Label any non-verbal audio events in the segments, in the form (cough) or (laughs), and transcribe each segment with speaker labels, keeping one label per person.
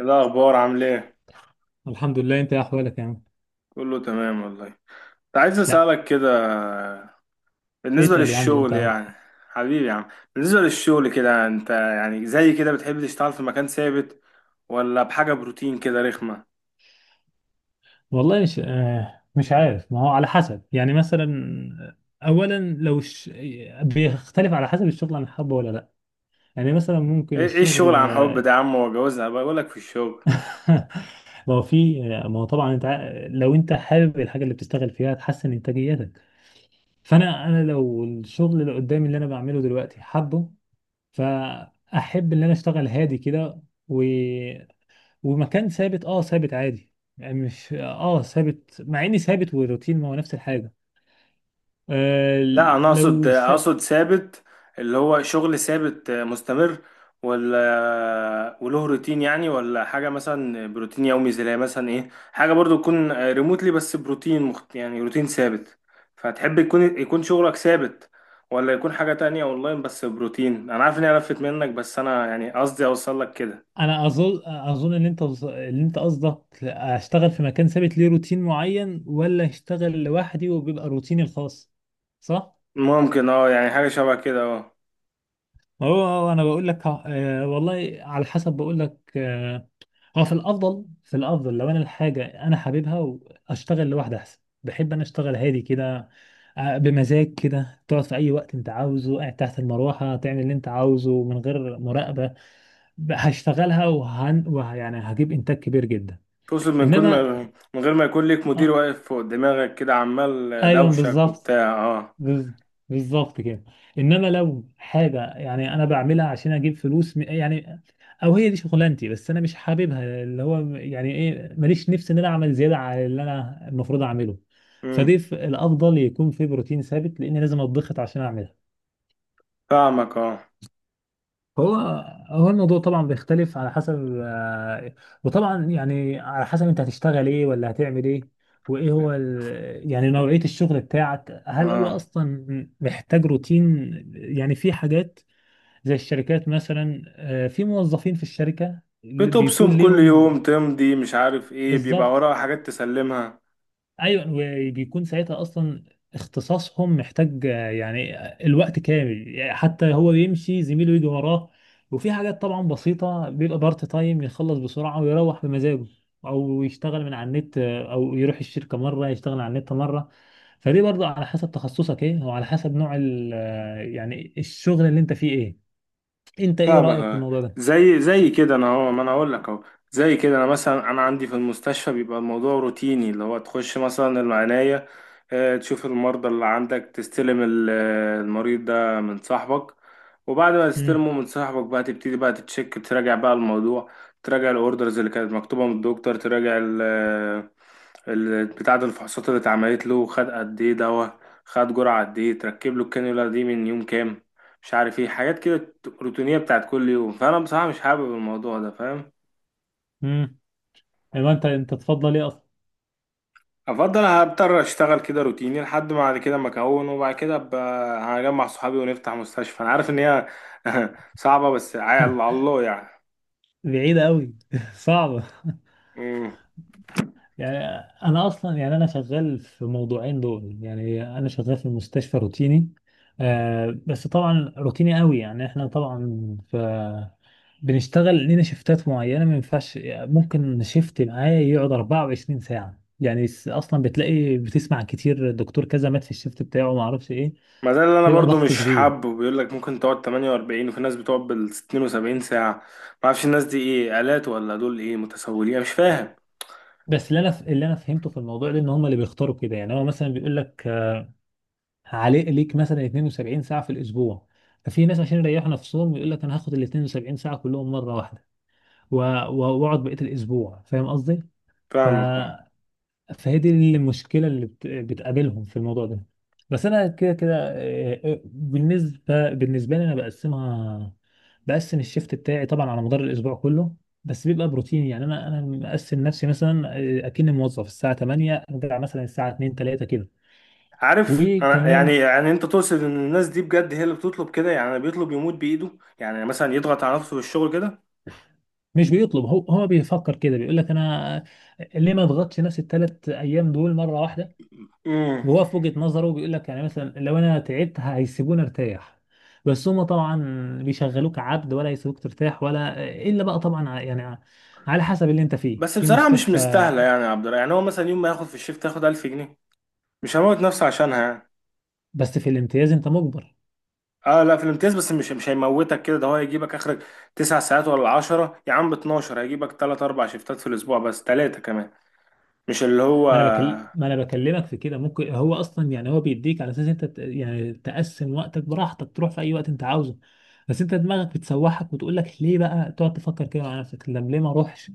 Speaker 1: إيه الأخبار عامل إيه؟
Speaker 2: الحمد لله، انت ايه احوالك يا عم.
Speaker 1: كله تمام والله. كنت عايز
Speaker 2: لا،
Speaker 1: أسألك كده، بالنسبة
Speaker 2: اسأل يا عم انت
Speaker 1: للشغل
Speaker 2: أهو.
Speaker 1: يعني. حبيبي يا عم، بالنسبة للشغل كده، أنت يعني زي كده بتحب تشتغل في مكان ثابت، ولا بحاجة بروتين كده رخمة؟
Speaker 2: والله مش عارف، ما هو على حسب، يعني مثلا، اولا بيختلف على حسب الشغل انا حابه ولا لا، يعني مثلا ممكن
Speaker 1: إيه الشغل
Speaker 2: الشغل
Speaker 1: عن حب ده يا
Speaker 2: آه،
Speaker 1: عم؟ وجوازها، بقولك في الشغل.
Speaker 2: (laughs) ما هو في، ما هو طبعا لو انت حابب الحاجه اللي بتشتغل فيها تحسن انتاجيتك، فانا لو الشغل اللي قدامي اللي انا بعمله دلوقتي حابه، فاحب ان انا اشتغل هادي كده، ومكان ثابت عادي، يعني مش ثابت، مع اني ثابت والروتين ما هو نفس الحاجه. آه
Speaker 1: لا، انا اقصد
Speaker 2: لو س...
Speaker 1: اقصد ثابت، اللي هو شغل ثابت مستمر، ولا وله روتين يعني، ولا حاجه مثلا بروتين يومي، زي مثلا ايه، حاجه برضو تكون ريموتلي، بس بروتين يعني روتين ثابت. فتحب يكون شغلك ثابت ولا يكون حاجه تانية اونلاين بس بروتين؟ انا عارف اني قرفت منك، بس انا يعني قصدي اوصل لك كده.
Speaker 2: انا اظن ان اللي انت قصدك اشتغل في مكان ثابت ليه روتين معين، ولا اشتغل لوحدي وبيبقى روتيني الخاص، صح؟
Speaker 1: ممكن اه يعني حاجه شبه كده اه.
Speaker 2: ما هو انا بقول لك، والله على حسب، بقول لك، هو في الافضل لو انا الحاجه انا حاببها واشتغل لوحدي احسن، بحب انا اشتغل هادي كده، بمزاج كده، تقعد في اي وقت انت عاوزه، قاعد تحت المروحه، تعمل اللي انت عاوزه من غير مراقبه، هشتغلها وهن وه يعني هجيب انتاج كبير جدا.
Speaker 1: تقصد
Speaker 2: انما
Speaker 1: من غير ما يكون ليك مدير
Speaker 2: آه،
Speaker 1: واقف فوق دماغك كده عمال
Speaker 2: ايوه
Speaker 1: دوشك
Speaker 2: بالظبط،
Speaker 1: وبتاع اه؟
Speaker 2: بز- بالظبط كده. انما لو حاجه يعني انا بعملها عشان اجيب فلوس يعني، او هي دي شغلانتي بس انا مش حاببها، اللي هو يعني ايه، ماليش نفس ان انا اعمل زياده على اللي انا المفروض اعمله، فدي،
Speaker 1: مم.
Speaker 2: الافضل يكون في بروتين ثابت لان لازم اتضغط عشان اعملها.
Speaker 1: فاهمك اه
Speaker 2: هو هو الموضوع طبعا بيختلف على حسب، وطبعا يعني على حسب انت هتشتغل ايه ولا هتعمل ايه، وايه يعني نوعية الشغل بتاعك، هل هو
Speaker 1: اه.
Speaker 2: اصلا محتاج روتين؟ يعني في حاجات زي الشركات مثلا، في موظفين في الشركة اللي
Speaker 1: بتبصم
Speaker 2: بيكون
Speaker 1: كل
Speaker 2: ليهم
Speaker 1: يوم، تمضي، مش عارف ايه، بيبقى
Speaker 2: بالظبط،
Speaker 1: وراها حاجات تسلمها.
Speaker 2: ايوه، وبيكون ساعتها اصلا اختصاصهم محتاج، يعني الوقت كامل، يعني حتى هو يمشي زميله يجي وراه، وفي حاجات طبعا بسيطة بيبقى بارت تايم يخلص بسرعة ويروح بمزاجه، او يشتغل من على النت، او يروح الشركة مرة يشتغل على النت مرة، فدي برضه على حسب تخصصك ايه، وعلى حسب نوع ال آه، يعني الشغل اللي انت فيه ايه. انت ايه
Speaker 1: فاهمك
Speaker 2: رأيك في
Speaker 1: اه.
Speaker 2: الموضوع ده؟
Speaker 1: زي كده انا اهو، ما انا اقول لك اهو. زي كده انا مثلا، انا عندي في المستشفى بيبقى الموضوع روتيني، اللي هو تخش مثلا العناية، تشوف المرضى اللي عندك، تستلم المريض ده من صاحبك، وبعد ما
Speaker 2: امم
Speaker 1: تستلمه من صاحبك بقى تبتدي بقى تتشك، تراجع بقى الموضوع، تراجع الاوردرز اللي كانت مكتوبة من الدكتور، تراجع بتاع ده الفحوصات اللي اتعملت له، خد قد ايه دواء، خد جرعة قد ايه، تركب له الكانيولا دي من يوم كام، مش عارف ايه، حاجات كده روتينية بتاعت كل يوم. فانا بصراحة مش حابب الموضوع ده، فاهم.
Speaker 2: امم انت تفضل ايه اصلا؟
Speaker 1: افضل هضطر اشتغل كده روتيني لحد ما بعد كده ما اكون، وبعد كده ابقى هجمع صحابي ونفتح مستشفى. انا عارف ان هي (laughs) صعبة، بس على
Speaker 2: (laughs)
Speaker 1: الله يعني.
Speaker 2: بعيدة قوي، (laughs) صعبة.
Speaker 1: مم.
Speaker 2: يعني انا اصلا، يعني انا شغال في موضوعين دول، يعني انا شغال في المستشفى روتيني، بس طبعا روتيني قوي، يعني احنا طبعا بنشتغل لينا شيفتات معينه، ما ينفعش ممكن شيفت معايا يقعد 24 ساعه، يعني اصلا بتلاقي بتسمع كتير دكتور كذا مات في الشيفت بتاعه، ما اعرفش ايه،
Speaker 1: ما ده اللي انا
Speaker 2: بيبقى
Speaker 1: برضو
Speaker 2: ضغط
Speaker 1: مش
Speaker 2: كبير.
Speaker 1: حابه، بيقول لك ممكن تقعد 48 وفي ناس بتقعد بال 72 ساعة، ما اعرفش الناس دي ايه، آلات ولا دول ايه، متسولين، أنا مش فاهم.
Speaker 2: بس اللي انا فهمته في الموضوع ده ان هم اللي بيختاروا كده، يعني هو مثلا بيقول لك عليه ليك مثلا 72 ساعة في الأسبوع، ففي ناس عشان يريحوا نفسهم يقول لك أنا هاخد ال 72 ساعة كلهم مرة واحدة و- وأقعد بقية الأسبوع، فاهم قصدي؟ ف...
Speaker 1: فاهمك اه.
Speaker 2: فهي دي المشكلة بتقابلهم في الموضوع ده. بس أنا كده كده، بالنسبة لي، أنا بقسمها، بقسم الشيفت بتاعي طبعا على مدار الأسبوع كله، بس بيبقى بروتين، يعني أنا مقسم نفسي مثلا، أكني موظف الساعة 8، أرجع مثلا الساعة 2 3 كده.
Speaker 1: عارف انا
Speaker 2: وكمان
Speaker 1: يعني انت تقصد ان الناس دي بجد هي اللي بتطلب كده، يعني بيطلب يموت بايده، يعني مثلا يضغط على نفسه في الشغل كده.
Speaker 2: مش بيطلب، هو بيفكر كده، بيقول لك انا ليه ما اضغطش نفسي الثلاث ايام دول مره واحده،
Speaker 1: امم.
Speaker 2: وهو في وجهه نظره بيقول لك يعني مثلا لو انا تعبت هيسيبوني ارتاح، بس هما طبعا بيشغلوك عبد، ولا يسيبوك ترتاح، ولا الا بقى طبعا يعني على حسب اللي انت فيه
Speaker 1: بس
Speaker 2: في
Speaker 1: بصراحة مش
Speaker 2: مستشفى،
Speaker 1: مستاهلة يعني يا عبد الرحمن، يعني هو مثلا يوم ما ياخد في الشيفت ياخد 1000 جنيه، مش هموت نفسه عشانها يعني.
Speaker 2: بس في الامتياز انت مجبر.
Speaker 1: اه لا، في الامتياز، بس مش هيموتك كده، ده هو هيجيبك اخرك 9 ساعات ولا عشرة يا عم، ب 12 هيجيبك تلات اربع شيفتات في الاسبوع، بس تلاتة كمان، مش اللي هو.
Speaker 2: ما انا بكلمك في كده، ممكن هو اصلا، يعني هو بيديك على اساس انت يعني تقسم وقتك براحتك، تروح في اي وقت انت عاوزه، بس انت دماغك بتسوحك وتقول لك ليه؟ بقى تقعد تفكر كده مع نفسك، طب ليه ما اروحش؟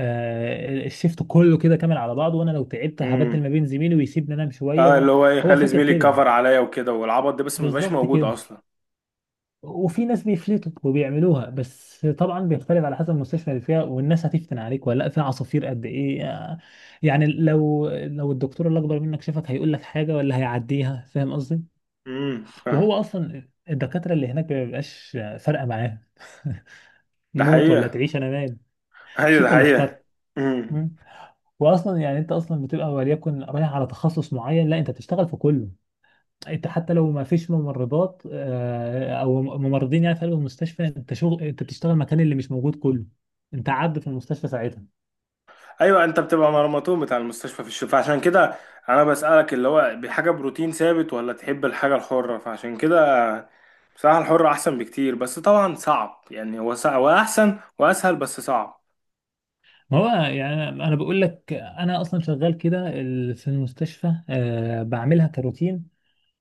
Speaker 2: الشيفت كله كده كامل على بعضه، وانا لو تعبت هبدل
Speaker 1: امم.
Speaker 2: ما بين زميلي ويسيبني انام شويه،
Speaker 1: اه،
Speaker 2: وهو
Speaker 1: اللي هو
Speaker 2: هو
Speaker 1: يخلي
Speaker 2: فاكر
Speaker 1: زميلي
Speaker 2: كده،
Speaker 1: يكفر عليا وكده والعبط ده، بس ما بيبقاش
Speaker 2: بالظبط
Speaker 1: موجود
Speaker 2: كده.
Speaker 1: اصلا.
Speaker 2: وفي ناس بيفلتوا وبيعملوها، بس طبعا بيختلف على حسب المستشفى اللي فيها والناس هتفتن عليك ولا لا، في عصافير قد ايه، يعني لو الدكتور اللي اكبر منك شافك هيقول لك حاجه ولا هيعديها، فاهم قصدي؟
Speaker 1: امم، فاهم.
Speaker 2: وهو اصلا الدكاتره اللي هناك ما بيبقاش فارقه معاهم، (laughs)
Speaker 1: ده
Speaker 2: موت ولا
Speaker 1: حقيقة.
Speaker 2: تعيش، انا مال، مش
Speaker 1: ايوه ده
Speaker 2: انت اللي
Speaker 1: حقيقة.
Speaker 2: اخترت.
Speaker 1: امم.
Speaker 2: مم. واصلا يعني انت اصلا بتبقى وليكن رايح على تخصص معين، لا انت بتشتغل في كله، انت حتى لو ما فيش ممرضات، او ممرضين يعني في قلب المستشفى انت شغل، انت بتشتغل مكان اللي مش موجود كله، انت عبد في المستشفى ساعتها.
Speaker 1: ايوه، انت بتبقى مرمطون بتاع المستشفى في الشفاء، عشان كده انا بسألك اللي هو بحاجه بروتين ثابت ولا تحب الحاجه الحره. فعشان كده بصراحه الحره احسن بكتير، بس طبعا صعب يعني، هو صعب واحسن واسهل، بس صعب.
Speaker 2: ما هو يعني انا بقول لك انا اصلا شغال كده، في المستشفى، بعملها كروتين،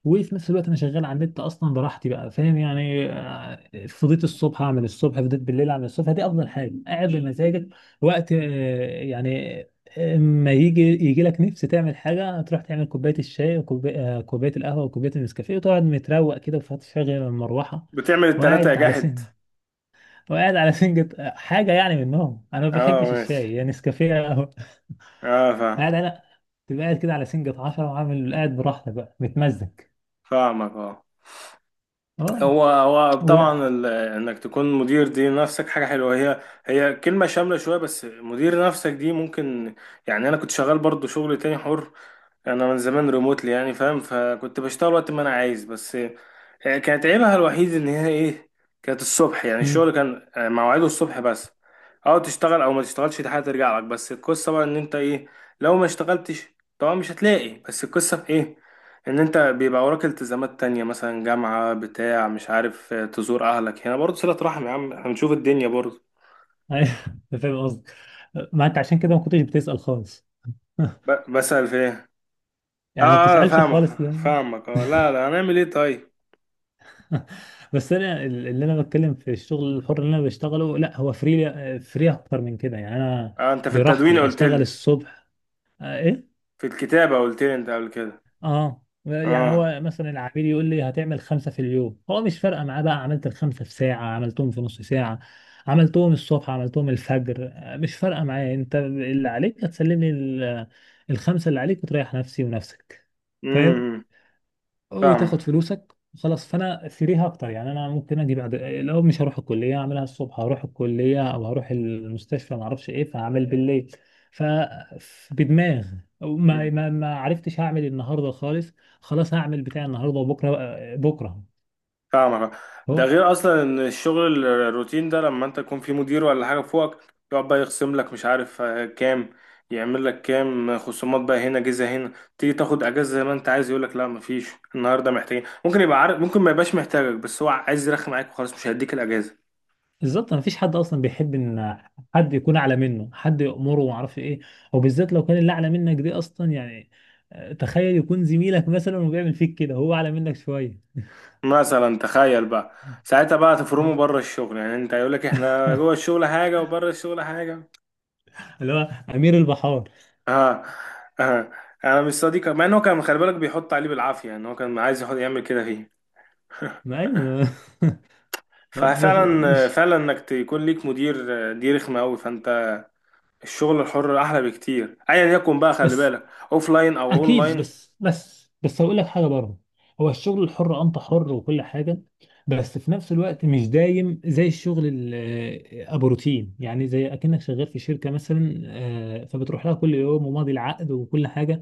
Speaker 2: وفي نفس الوقت انا شغال على النت اصلا براحتي بقى، فاهم يعني، فضيت الصبح اعمل الصبح، فضيت بالليل اعمل الصبح، دي افضل حاجه، قاعد بمزاجك وقت، يعني، ما يجي يجي لك نفس تعمل حاجه، تروح تعمل كوبايه الشاي وكوبايه، كوبايه القهوه وكوبايه النسكافيه، وتقعد متروق كده وتشغل المروحه،
Speaker 1: بتعمل التلاتة يا
Speaker 2: وقاعد على سن
Speaker 1: جاحد.
Speaker 2: وقاعد على سنجة، حاجه يعني منهم، انا ما
Speaker 1: اه،
Speaker 2: بحبش
Speaker 1: ماشي.
Speaker 2: الشاي، يعني نسكافيه يا قهوة.
Speaker 1: اه،
Speaker 2: (laughs)
Speaker 1: فاهم.
Speaker 2: قاعد على تبقى قاعد كده على سنجة 10، وعامل قاعد براحتك بقى متمزج.
Speaker 1: فاهمك اه.
Speaker 2: اه
Speaker 1: هو
Speaker 2: و
Speaker 1: طبعا، انك تكون مدير دي نفسك حاجه حلوه، هي كلمه شامله شويه، بس مدير نفسك دي ممكن. يعني انا كنت شغال برضو شغل تاني حر، انا من زمان ريموتلي يعني، فاهم، فكنت بشتغل وقت ما انا عايز، بس كانت عيبها الوحيد ان هي ايه، كانت الصبح، يعني
Speaker 2: مم.
Speaker 1: الشغل كان مواعيده الصبح بس، او تشتغل او ما تشتغلش دي حاجه ترجع لك. بس القصه بقى ان انت ايه، لو ما اشتغلتش طبعا مش هتلاقي، بس القصه في ايه، ان انت بيبقى وراك التزامات تانية، مثلا جامعه بتاع مش عارف تزور اهلك هنا برضه صله رحم يا عم، هنشوف الدنيا برضه.
Speaker 2: أيوة، (laughs) أنا فاهم قصدك، ما انت عشان كده ما كنتش بتسأل خالص. (laughs)
Speaker 1: بسأل في ايه؟ اه
Speaker 2: يعني ما
Speaker 1: اه،
Speaker 2: بتسألش
Speaker 1: فاهمك
Speaker 2: خالص ده.
Speaker 1: فاهمك اه. لا لا، هنعمل ايه طيب.
Speaker 2: (laughs) بس انا اللي انا بتكلم في الشغل الحر اللي انا بشتغله، لا هو فري فري اكتر من كده، يعني انا
Speaker 1: آه، انت في التدوين
Speaker 2: براحتي
Speaker 1: قلت
Speaker 2: اشتغل
Speaker 1: لي،
Speaker 2: الصبح، إيه؟
Speaker 1: في الكتابة قلت لي انت قبل كده،
Speaker 2: اه، يعني
Speaker 1: اه.
Speaker 2: هو مثلا العميل يقول لي هتعمل خمسة في اليوم، هو مش فارقة معاه بقى عملت الخمسة في ساعة، عملتهم في نص ساعة، عملتهم الصبح، عملتهم الفجر، مش فارقة معايا، انت اللي عليك هتسلم لي الخمسة اللي عليك، وتريح نفسي ونفسك، فاهم،
Speaker 1: امم،
Speaker 2: وتاخد
Speaker 1: فاهمك.
Speaker 2: فلوسك خلاص، فانا سيريها اكتر، يعني انا ممكن اجي بعد، لو مش هروح الكليه اعملها الصبح، هروح الكليه او هروح المستشفى ما اعرفش ايه فهعمل بالليل، ف بدماغ ما
Speaker 1: مم.
Speaker 2: ما ما عرفتش هعمل النهارده خالص، خلاص هعمل بتاع النهارده وبكره بكره.
Speaker 1: فاهمك. ده
Speaker 2: هو
Speaker 1: غير اصلا ان الشغل الروتين ده، لما انت تكون في مدير ولا حاجة فوقك، يقعد بقى يخصم لك مش عارف كام، يعمل لك كام خصومات بقى، هنا جزء هنا، تيجي تاخد اجازة زي ما انت عايز، يقول لك لا مفيش، النهاردة محتاجين، ممكن يبقى عارف، ممكن ما يبقاش محتاجك، بس هو عايز يرخي معاك وخلاص مش هيديك الاجازة.
Speaker 2: بالظبط ما فيش حد اصلا بيحب ان حد يكون اعلى منه، حد يأمره وما اعرفش ايه، وبالذات لو كان اللي اعلى منك دي اصلا، يعني، تخيل يكون زميلك مثلا وبيعمل فيك كده، هو اعلى منك شويه،
Speaker 1: مثلا تخيل بقى، ساعتها بقى تفرموا بره الشغل، يعني انت هيقول لك احنا
Speaker 2: (laughs)
Speaker 1: جوه الشغل حاجة وبره الشغل حاجة.
Speaker 2: اللي هو امير البحار.
Speaker 1: اه. اه، انا مش صديقه، مع ان هو كان خلي بالك بيحط عليه بالعافيه، يعني هو كان عايز يحط يعمل كده فيه.
Speaker 2: ما ايوه، (laughs) بس
Speaker 1: ففعلا
Speaker 2: مش
Speaker 1: فعلا انك تكون ليك مدير دي رخمه قوي. فانت الشغل الحر احلى بكتير ايا يكن بقى، خلي
Speaker 2: بس
Speaker 1: بالك، اوف لاين او اون
Speaker 2: اكيد،
Speaker 1: لاين.
Speaker 2: بس هقول لك حاجه برضه، هو الشغل الحر انت حر وكل حاجه، بس في نفس الوقت مش دايم زي الشغل ابو روتين، يعني زي اكنك شغال في شركه مثلا، فبتروح لها كل يوم وماضي العقد وكل حاجه،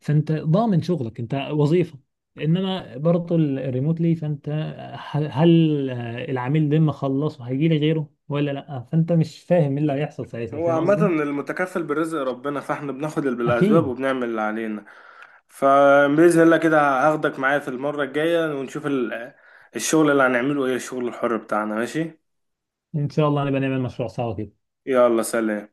Speaker 2: فانت ضامن شغلك، انت وظيفه، انما برضه الريموتلي، فانت هل، العميل لما خلصه هيجي لي غيره ولا لا؟ فانت مش فاهم ايه اللي هيحصل ساعتها،
Speaker 1: هو
Speaker 2: فاهم
Speaker 1: عامه
Speaker 2: قصدي؟
Speaker 1: المتكفل بالرزق ربنا، فاحنا بناخد اللي بالاسباب
Speaker 2: اكيد،
Speaker 1: وبنعمل اللي علينا، فباذن الله كده هاخدك معايا في المره الجايه، ونشوف الشغل اللي هنعمله ايه، الشغل الحر بتاعنا. ماشي،
Speaker 2: ان شاء الله نبقى نعمل مشروع سوا كده.
Speaker 1: يلا سلام.